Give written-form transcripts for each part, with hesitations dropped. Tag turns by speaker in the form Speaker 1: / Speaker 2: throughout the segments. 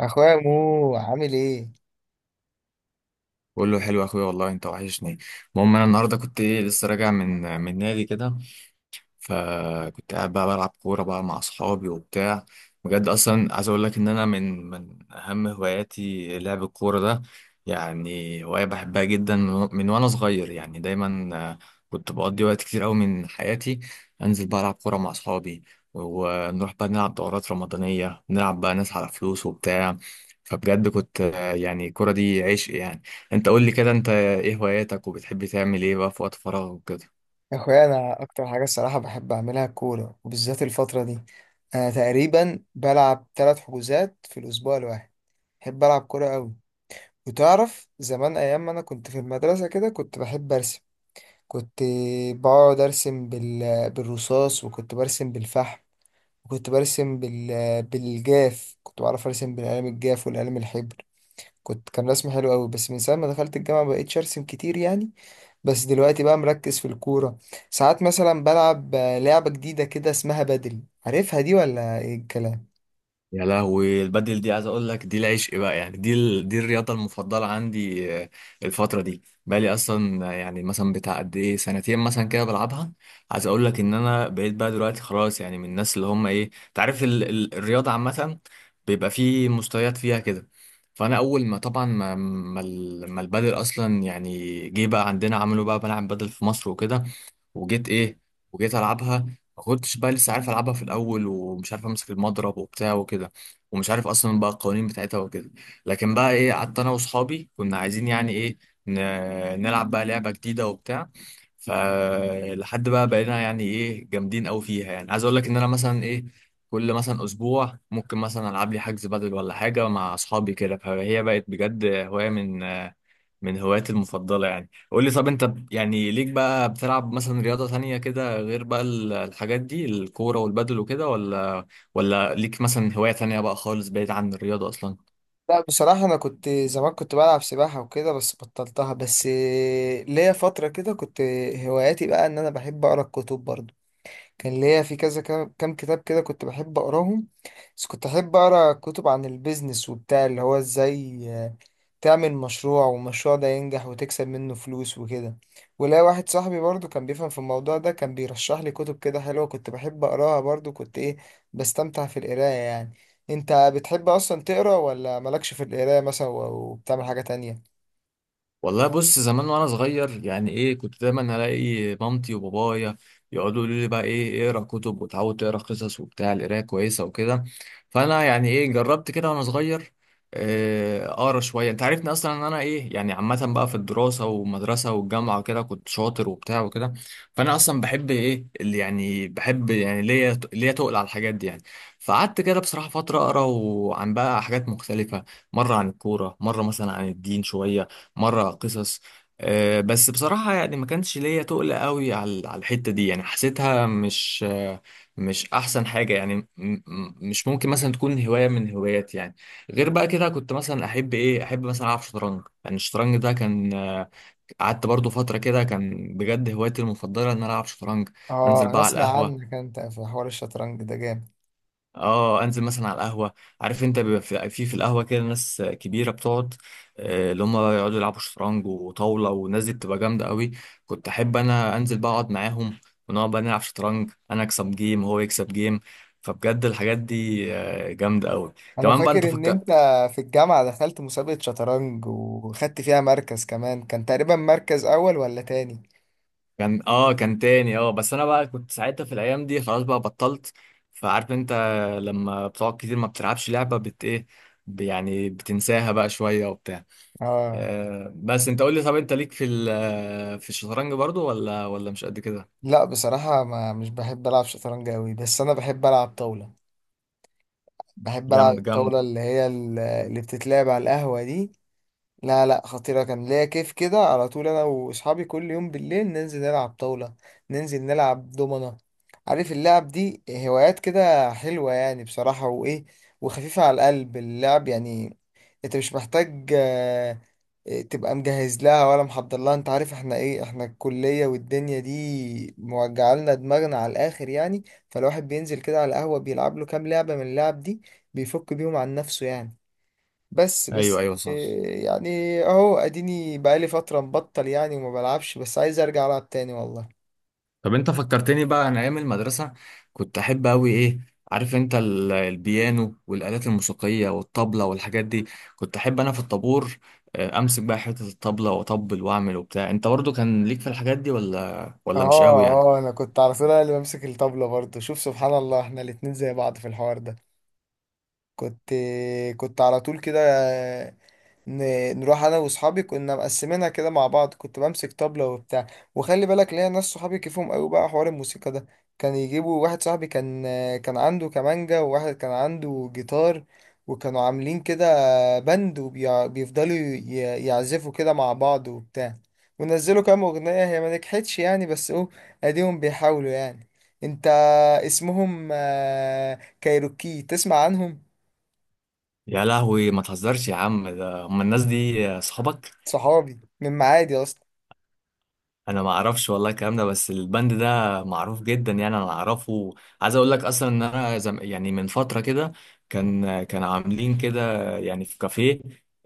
Speaker 1: اخويا مو عامل ايه؟
Speaker 2: بقول له حلو يا اخويا، والله انت وحشني. المهم انا النهارده كنت ايه لسه راجع من نادي كده. فكنت قاعد بقى بلعب كورة بقى مع أصحابي وبتاع. بجد أصلا عايز أقول لك إن أنا من أهم هواياتي لعب الكورة ده. يعني هواية بحبها جدا من وأنا صغير، يعني دايما. كنت بقضي وقت كتير أوي من حياتي، أنزل بقى ألعب كورة مع أصحابي، ونروح بقى نلعب دورات رمضانية، نلعب بقى ناس على فلوس وبتاع. فبجد كنت يعني الكورة دي عشق يعني. أنت قول لي كده، أنت إيه هواياتك، وبتحب تعمل إيه بقى في وقت فراغك وكده؟
Speaker 1: اخويا انا اكتر حاجه الصراحه بحب اعملها الكوره، وبالذات الفتره دي انا تقريبا بلعب 3 حجوزات في الاسبوع الواحد. بحب العب كوره قوي. وتعرف زمان ايام ما انا كنت في المدرسه كده كنت بحب ارسم. كنت بقعد ارسم بالرصاص، وكنت برسم بالفحم، وكنت برسم بالجاف. كنت بعرف ارسم بالقلم الجاف والقلم الحبر. كان رسم حلو قوي، بس من ساعه ما دخلت الجامعه مبقتش ارسم كتير يعني. بس دلوقتي بقى مركز في الكورة. ساعات مثلا بلعب لعبة جديدة كده اسمها بدل. عارفها دي ولا ايه الكلام؟
Speaker 2: يا لهوي، البدل دي عايز اقول لك دي العشق بقى يعني، دي الرياضه المفضله عندي. الفتره دي بقالي اصلا، يعني مثلا بتاع قد ايه سنتين مثلا كده بلعبها. عايز اقول لك ان انا بقيت بقى دلوقتي خلاص، يعني من الناس اللي هم ايه، تعرف الرياضه عامه بيبقى فيه مستويات فيها كده. فانا اول ما طبعا ما البدل اصلا يعني جه بقى عندنا، عملوا بقى ملعب بدل في مصر وكده، وجيت ايه، وجيت العبها. ما كنتش بقى لسه عارف العبها في الاول، ومش عارف امسك المضرب وبتاع وكده، ومش عارف اصلا بقى القوانين بتاعتها وكده. لكن بقى ايه، قعدت انا واصحابي كنا عايزين يعني ايه نلعب بقى لعبه جديده وبتاع. فلحد بقى بقينا يعني ايه جامدين قوي فيها، يعني عايز اقول لك ان انا مثلا ايه، كل مثلا اسبوع ممكن مثلا العب لي حجز بدل ولا حاجه مع اصحابي كده، فهي بقت بجد هوايه من هواياتي المفضله يعني. قول لي طب، انت يعني ليك بقى بتلعب مثلا رياضة تانية كده غير بقى الحاجات دي، الكورة والبدل وكده ولا ليك مثلا هواية تانية بقى خالص بعيد عن الرياضة اصلا؟
Speaker 1: لا، بصراحة أنا كنت زمان كنت بلعب سباحة وكده بس بطلتها. بس ليا فترة كده كنت هواياتي بقى إن أنا بحب أقرأ الكتب برضه. كان ليا في كذا كام كتاب كده كنت بحب أقراهم. بس كنت أحب أقرأ كتب عن البيزنس وبتاع، اللي هو إزاي تعمل مشروع والمشروع ده ينجح وتكسب منه فلوس وكده. ولا واحد صاحبي برضو كان بيفهم في الموضوع ده، كان بيرشح لي كتب كده حلوة كنت بحب أقراها. برضو كنت إيه، بستمتع في القراية يعني. أنت بتحب أصلا تقرأ ولا مالكش في القراية مثلا وبتعمل حاجة تانية؟
Speaker 2: والله بص، زمان وانا صغير يعني ايه، كنت دايما الاقي مامتي وبابايا يقعدوا يقولوا لي بقى ايه اقرا كتب، وتعود تقرا قصص وبتاع، القرايه كويسه وكده. فانا يعني ايه جربت كده وانا صغير، اقرا شويه. انت عارفني اصلا ان انا ايه، يعني عامه بقى في الدراسه والمدرسه والجامعه وكده كنت شاطر وبتاع وكده. فانا اصلا بحب ايه اللي يعني بحب، يعني ليا تقل على الحاجات دي يعني. فقعدت كده بصراحه فتره اقرا، وعن بقى حاجات مختلفه، مره عن الكوره، مره مثلا عن الدين شويه، مرة قصص. بس بصراحة يعني ما كانش ليا تقل قوي على الحتة دي، يعني حسيتها مش مش أحسن حاجة يعني، مش ممكن مثلا تكون هواية من هواياتي يعني. غير بقى كده، كنت مثلا أحب إيه، أحب مثلا ألعب شطرنج. يعني الشطرنج ده كان قعدت برضو فترة كده كان بجد هوايتي المفضلة إن أنا ألعب شطرنج. أنزل
Speaker 1: آه، أنا
Speaker 2: بقى على
Speaker 1: أسمع
Speaker 2: القهوة،
Speaker 1: عنك أنت في حوار الشطرنج ده جامد.
Speaker 2: اه انزل مثلا على القهوه. عارف انت، بيبقى في القهوه كده ناس كبيره بتقعد، اللي هم يقعدوا يلعبوا شطرنج وطاوله، والناس دي بتبقى جامده قوي. كنت احب انا انزل بقى اقعد معاهم، ونقعد بقى نلعب شطرنج، انا اكسب جيم وهو يكسب جيم. فبجد الحاجات دي جامده قوي.
Speaker 1: انا
Speaker 2: كمان بقى انت
Speaker 1: فاكر ان انت
Speaker 2: فكر.
Speaker 1: في الجامعة دخلت مسابقة شطرنج وخدت فيها مركز، كمان كان تقريبا مركز اول ولا تاني.
Speaker 2: كان تاني، بس انا بقى كنت ساعتها في الايام دي خلاص بقى بطلت. فعارف انت، لما بتقعد كتير ما بتلعبش لعبه بت ايه، يعني بتنساها بقى شويه وبتاع.
Speaker 1: اه.
Speaker 2: بس انت قول لي طب، انت ليك في في الشطرنج برضو، ولا مش قد كده؟
Speaker 1: لا بصراحة ما مش بحب العب شطرنج اوي، بس انا بحب العب طاولة. بحب العب
Speaker 2: جامد جامد.
Speaker 1: الطاولة اللي هي اللي بتتلعب على القهوة دي. لا لا، خطيرة، كان ليا كيف كده على طول. أنا وأصحابي كل يوم بالليل ننزل نلعب طاولة، ننزل نلعب دومنة. عارف اللعب دي هوايات كده حلوة يعني بصراحة، وإيه، وخفيفة على القلب اللعب يعني. أنت مش محتاج تبقى مجهز لها ولا محضر لها. أنت عارف إحنا إيه، إحنا الكلية والدنيا دي موجعة لنا دماغنا على الآخر يعني. فالواحد بينزل كده على القهوة بيلعب له كام لعبة من اللعب دي، بيفك بيهم عن نفسه يعني. بس
Speaker 2: ايوه
Speaker 1: بس
Speaker 2: ايوه صح.
Speaker 1: إيه، يعني اهو اديني بقالي فترة مبطل يعني وما بلعبش، بس عايز ارجع العب تاني والله.
Speaker 2: طب انت فكرتني بقى انا ايام المدرسه، كنت احب قوي ايه. عارف انت البيانو والالات الموسيقيه والطبله والحاجات دي. كنت احب انا في الطابور امسك بقى حته الطبله واطبل واعمل وبتاع. انت برضو كان ليك في الحاجات دي ولا مش
Speaker 1: اه.
Speaker 2: قوي يعني؟
Speaker 1: اه انا كنت على طول أنا اللي بمسك الطبلة برضه. شوف سبحان الله، احنا الاتنين زي بعض في الحوار ده. كنت كنت على طول كده نروح انا واصحابي. كنا مقسمينها كده مع بعض، كنت بمسك طبلة وبتاع. وخلي بالك ليا ناس صحابي كيفهم قوي بقى حوار الموسيقى ده. كان يجيبوا واحد صاحبي كان عنده كمانجا، وواحد كان عنده جيتار، وكانوا عاملين كده بند، وبيفضلوا يعزفوا كده مع بعض وبتاع. ونزلوا كام اغنية، هي ما نجحتش يعني بس اهو اديهم بيحاولوا يعني. انت اسمهم كايروكي، تسمع عنهم؟
Speaker 2: يا لهوي، ما تهزرش يا عم، ده هم الناس دي صحابك؟
Speaker 1: صحابي من معادي اصلا.
Speaker 2: انا ما اعرفش والله الكلام ده، بس البند ده معروف جدا يعني، انا اعرفه. عايز اقول لك اصلا ان انا يعني من فتره كده كان عاملين كده يعني في كافيه،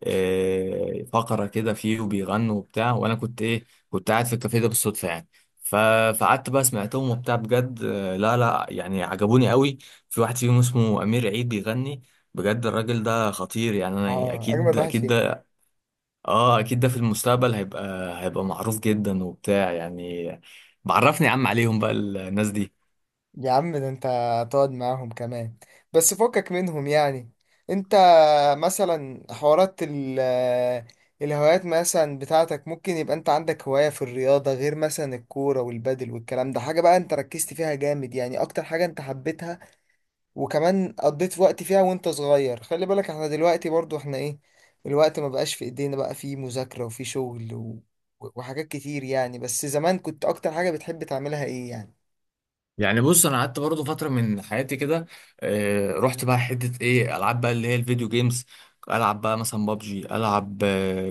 Speaker 2: فقره كده فيه وبيغنوا وبتاع. وانا كنت ايه، كنت قاعد في الكافيه ده بالصدفه يعني. ف... فقعدت بقى سمعتهم وبتاع بجد، لا لا، يعني عجبوني قوي. في واحد فيهم اسمه امير عيد بيغني، بجد الراجل ده خطير يعني. انا
Speaker 1: اه،
Speaker 2: اكيد
Speaker 1: اجمد واحد
Speaker 2: اكيد
Speaker 1: فيهم.
Speaker 2: ده، اه اكيد ده في المستقبل هيبقى معروف جدا وبتاع يعني. بعرفني يا عم عليهم بقى الناس دي.
Speaker 1: يا عم ده انت هتقعد معاهم كمان؟ بس فكك منهم يعني. انت مثلا حوارات الهوايات مثلا بتاعتك، ممكن يبقى انت عندك هواية في الرياضة غير مثلا الكورة والبادل والكلام ده؟ حاجة بقى انت ركزت فيها جامد يعني، اكتر حاجة انت حبيتها، وكمان قضيت وقت فيها وانت صغير. خلي بالك احنا دلوقتي برضو احنا ايه، الوقت ما بقاش في ايدينا بقى، في مذاكرة وفي شغل و... وحاجات كتير يعني. بس زمان كنت اكتر حاجة بتحب تعملها ايه يعني؟
Speaker 2: يعني بص، انا قعدت برضه فتره من حياتي كده، رحت بقى حته ايه العاب بقى اللي هي الفيديو جيمز. العب بقى مثلا بابجي، العب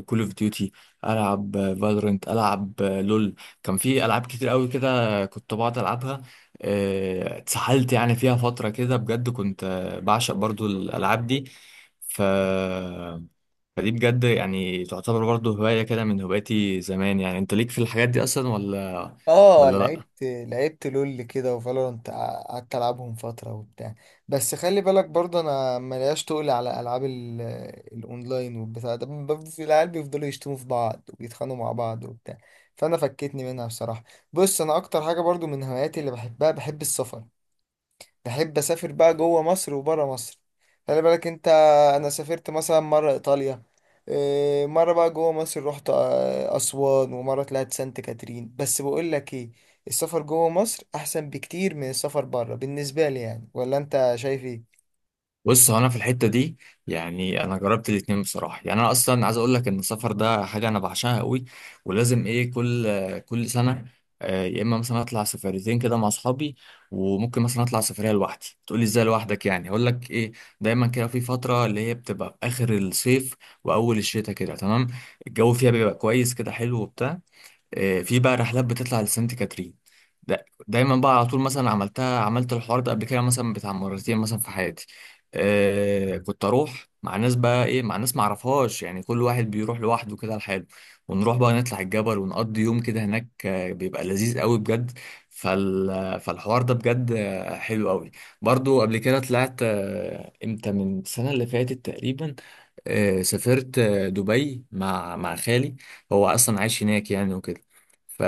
Speaker 2: كول اوف ديوتي، العب فالورنت، العب لول. كان في العاب كتير قوي كده كنت بقعد العبها. اتسحلت يعني فيها فتره كده بجد، كنت بعشق برضه الالعاب دي. ف فدي بجد يعني تعتبر برضه هوايه كده من هواياتي زمان يعني. انت ليك في الحاجات دي اصلا ولا
Speaker 1: اه
Speaker 2: ولا لا؟
Speaker 1: لعبت لول كده وفالورانت، قعدت العبهم فتره وبتاع. بس خلي بالك برضه انا ملياش تقل على العاب الاونلاين والبتاع ده. في العيال بيفضلوا يشتموا في بعض وبيتخانقوا مع بعض وبتاع، فانا فكتني منها بصراحه. بص، انا اكتر حاجه برضه من هواياتي اللي بحبها بحب السفر. بحب اسافر بقى جوه مصر وبره مصر. خلي بالك انت، انا سافرت مثلا مره ايطاليا. إيه، مره بقى جوه مصر رحت اسوان، ومره طلعت سانت كاترين. بس بقول لك ايه، السفر جوه مصر احسن بكتير من السفر بره بالنسبه لي يعني. ولا انت شايف ايه؟
Speaker 2: بص، هو انا في الحته دي يعني انا جربت الاتنين بصراحه يعني. انا اصلا عايز اقول لك ان السفر ده حاجه انا بعشقها قوي، ولازم ايه كل سنه يا اما مثلا اطلع سفريتين كده مع اصحابي، وممكن مثلا اطلع سفريه لوحدي. تقولي ازاي لوحدك؟ يعني هقول لك ايه، دايما كده في فتره اللي هي بتبقى في اخر الصيف واول الشتاء كده تمام، الجو فيها بيبقى كويس كده حلو وبتاع. في بقى رحلات بتطلع لسانت كاترين، دايما بقى على طول، مثلا عملتها، عملت الحوار ده قبل كده مثلا بتاع مرتين مثلا في حياتي. كنت اروح مع ناس بقى ايه، مع ناس معرفهاش يعني، كل واحد بيروح لوحده كده لحاله. ونروح بقى نطلع الجبل ونقضي يوم كده هناك، بيبقى لذيذ قوي بجد. فالحوار ده بجد حلو قوي. برضو قبل كده طلعت امتى من السنة اللي فاتت تقريبا، سافرت دبي مع خالي. هو اصلا عايش هناك يعني وكده. ف...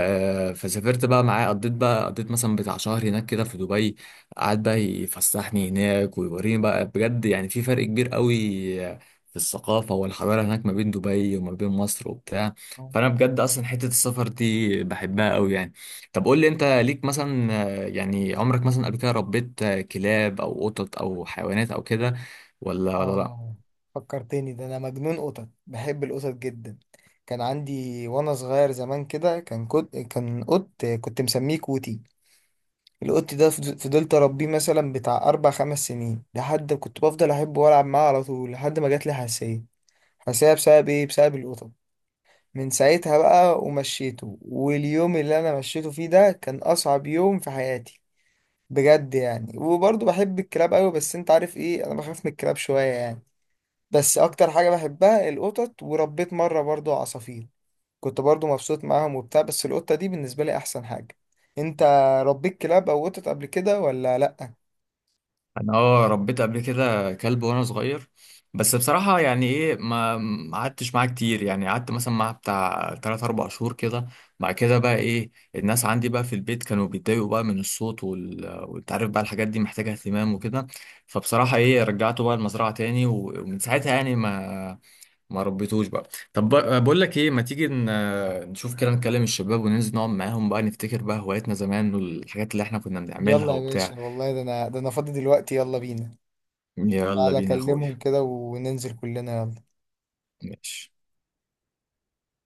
Speaker 2: فسافرت بقى معاه، قضيت بقى مثلا بتاع شهر هناك كده في دبي. قعد بقى يفسحني هناك ويوريني بقى، بجد يعني في فرق كبير قوي في الثقافة والحضارة هناك ما بين دبي وما بين مصر وبتاع. فأنا بجد أصلا حتة السفر دي بحبها قوي يعني. طب قول لي، أنت ليك مثلا يعني عمرك مثلا قبل كده ربيت كلاب أو قطط أو حيوانات أو كده، ولا لأ؟
Speaker 1: اه، فكرتني. ده انا مجنون قطط، بحب القطط جدا. كان عندي وانا صغير زمان كده، كان قط كنت مسميه كوتي. القط ده فضلت اربيه مثلا بتاع 4 5 سنين، لحد كنت بفضل احبه والعب معاه على طول لحد ما جات لي حساسيه. حساسيه بسبب ايه؟ بسبب القطط. من ساعتها بقى ومشيته، واليوم اللي انا مشيته فيه ده كان اصعب يوم في حياتي بجد يعني. وبرضه بحب الكلاب قوي، بس انت عارف ايه، انا بخاف من الكلاب شويه يعني. بس اكتر حاجه بحبها القطط. وربيت مره برضه عصافير، كنت برضه مبسوط معاهم وبتاع، بس القطه دي بالنسبه لي احسن حاجه. انت ربيت كلاب او قطط قبل كده ولا لا؟
Speaker 2: انا اه ربيت قبل كده كلب وانا صغير، بس بصراحة يعني ايه ما قعدتش معاه كتير. يعني قعدت مثلا معاه بتاع 3 4 شهور كده. بعد كده بقى ايه، الناس عندي بقى في البيت كانوا بيتضايقوا بقى من الصوت وانت عارف بقى الحاجات دي محتاجة اهتمام وكده. فبصراحة ايه رجعته بقى المزرعة تاني، ومن ساعتها يعني ما ربيتوش بقى. طب بقول لك ايه، ما تيجي نشوف كده، نكلم الشباب وننزل نقعد معاهم بقى، نفتكر بقى هواياتنا زمان والحاجات اللي احنا كنا بنعملها
Speaker 1: يلا يا
Speaker 2: وبتاع.
Speaker 1: باشا والله، ده انا فاضي دلوقتي، يلا بينا.
Speaker 2: يلا
Speaker 1: تعالى
Speaker 2: بينا يا
Speaker 1: اكلمهم
Speaker 2: اخويا.
Speaker 1: كده وننزل كلنا، يلا.
Speaker 2: ماشي.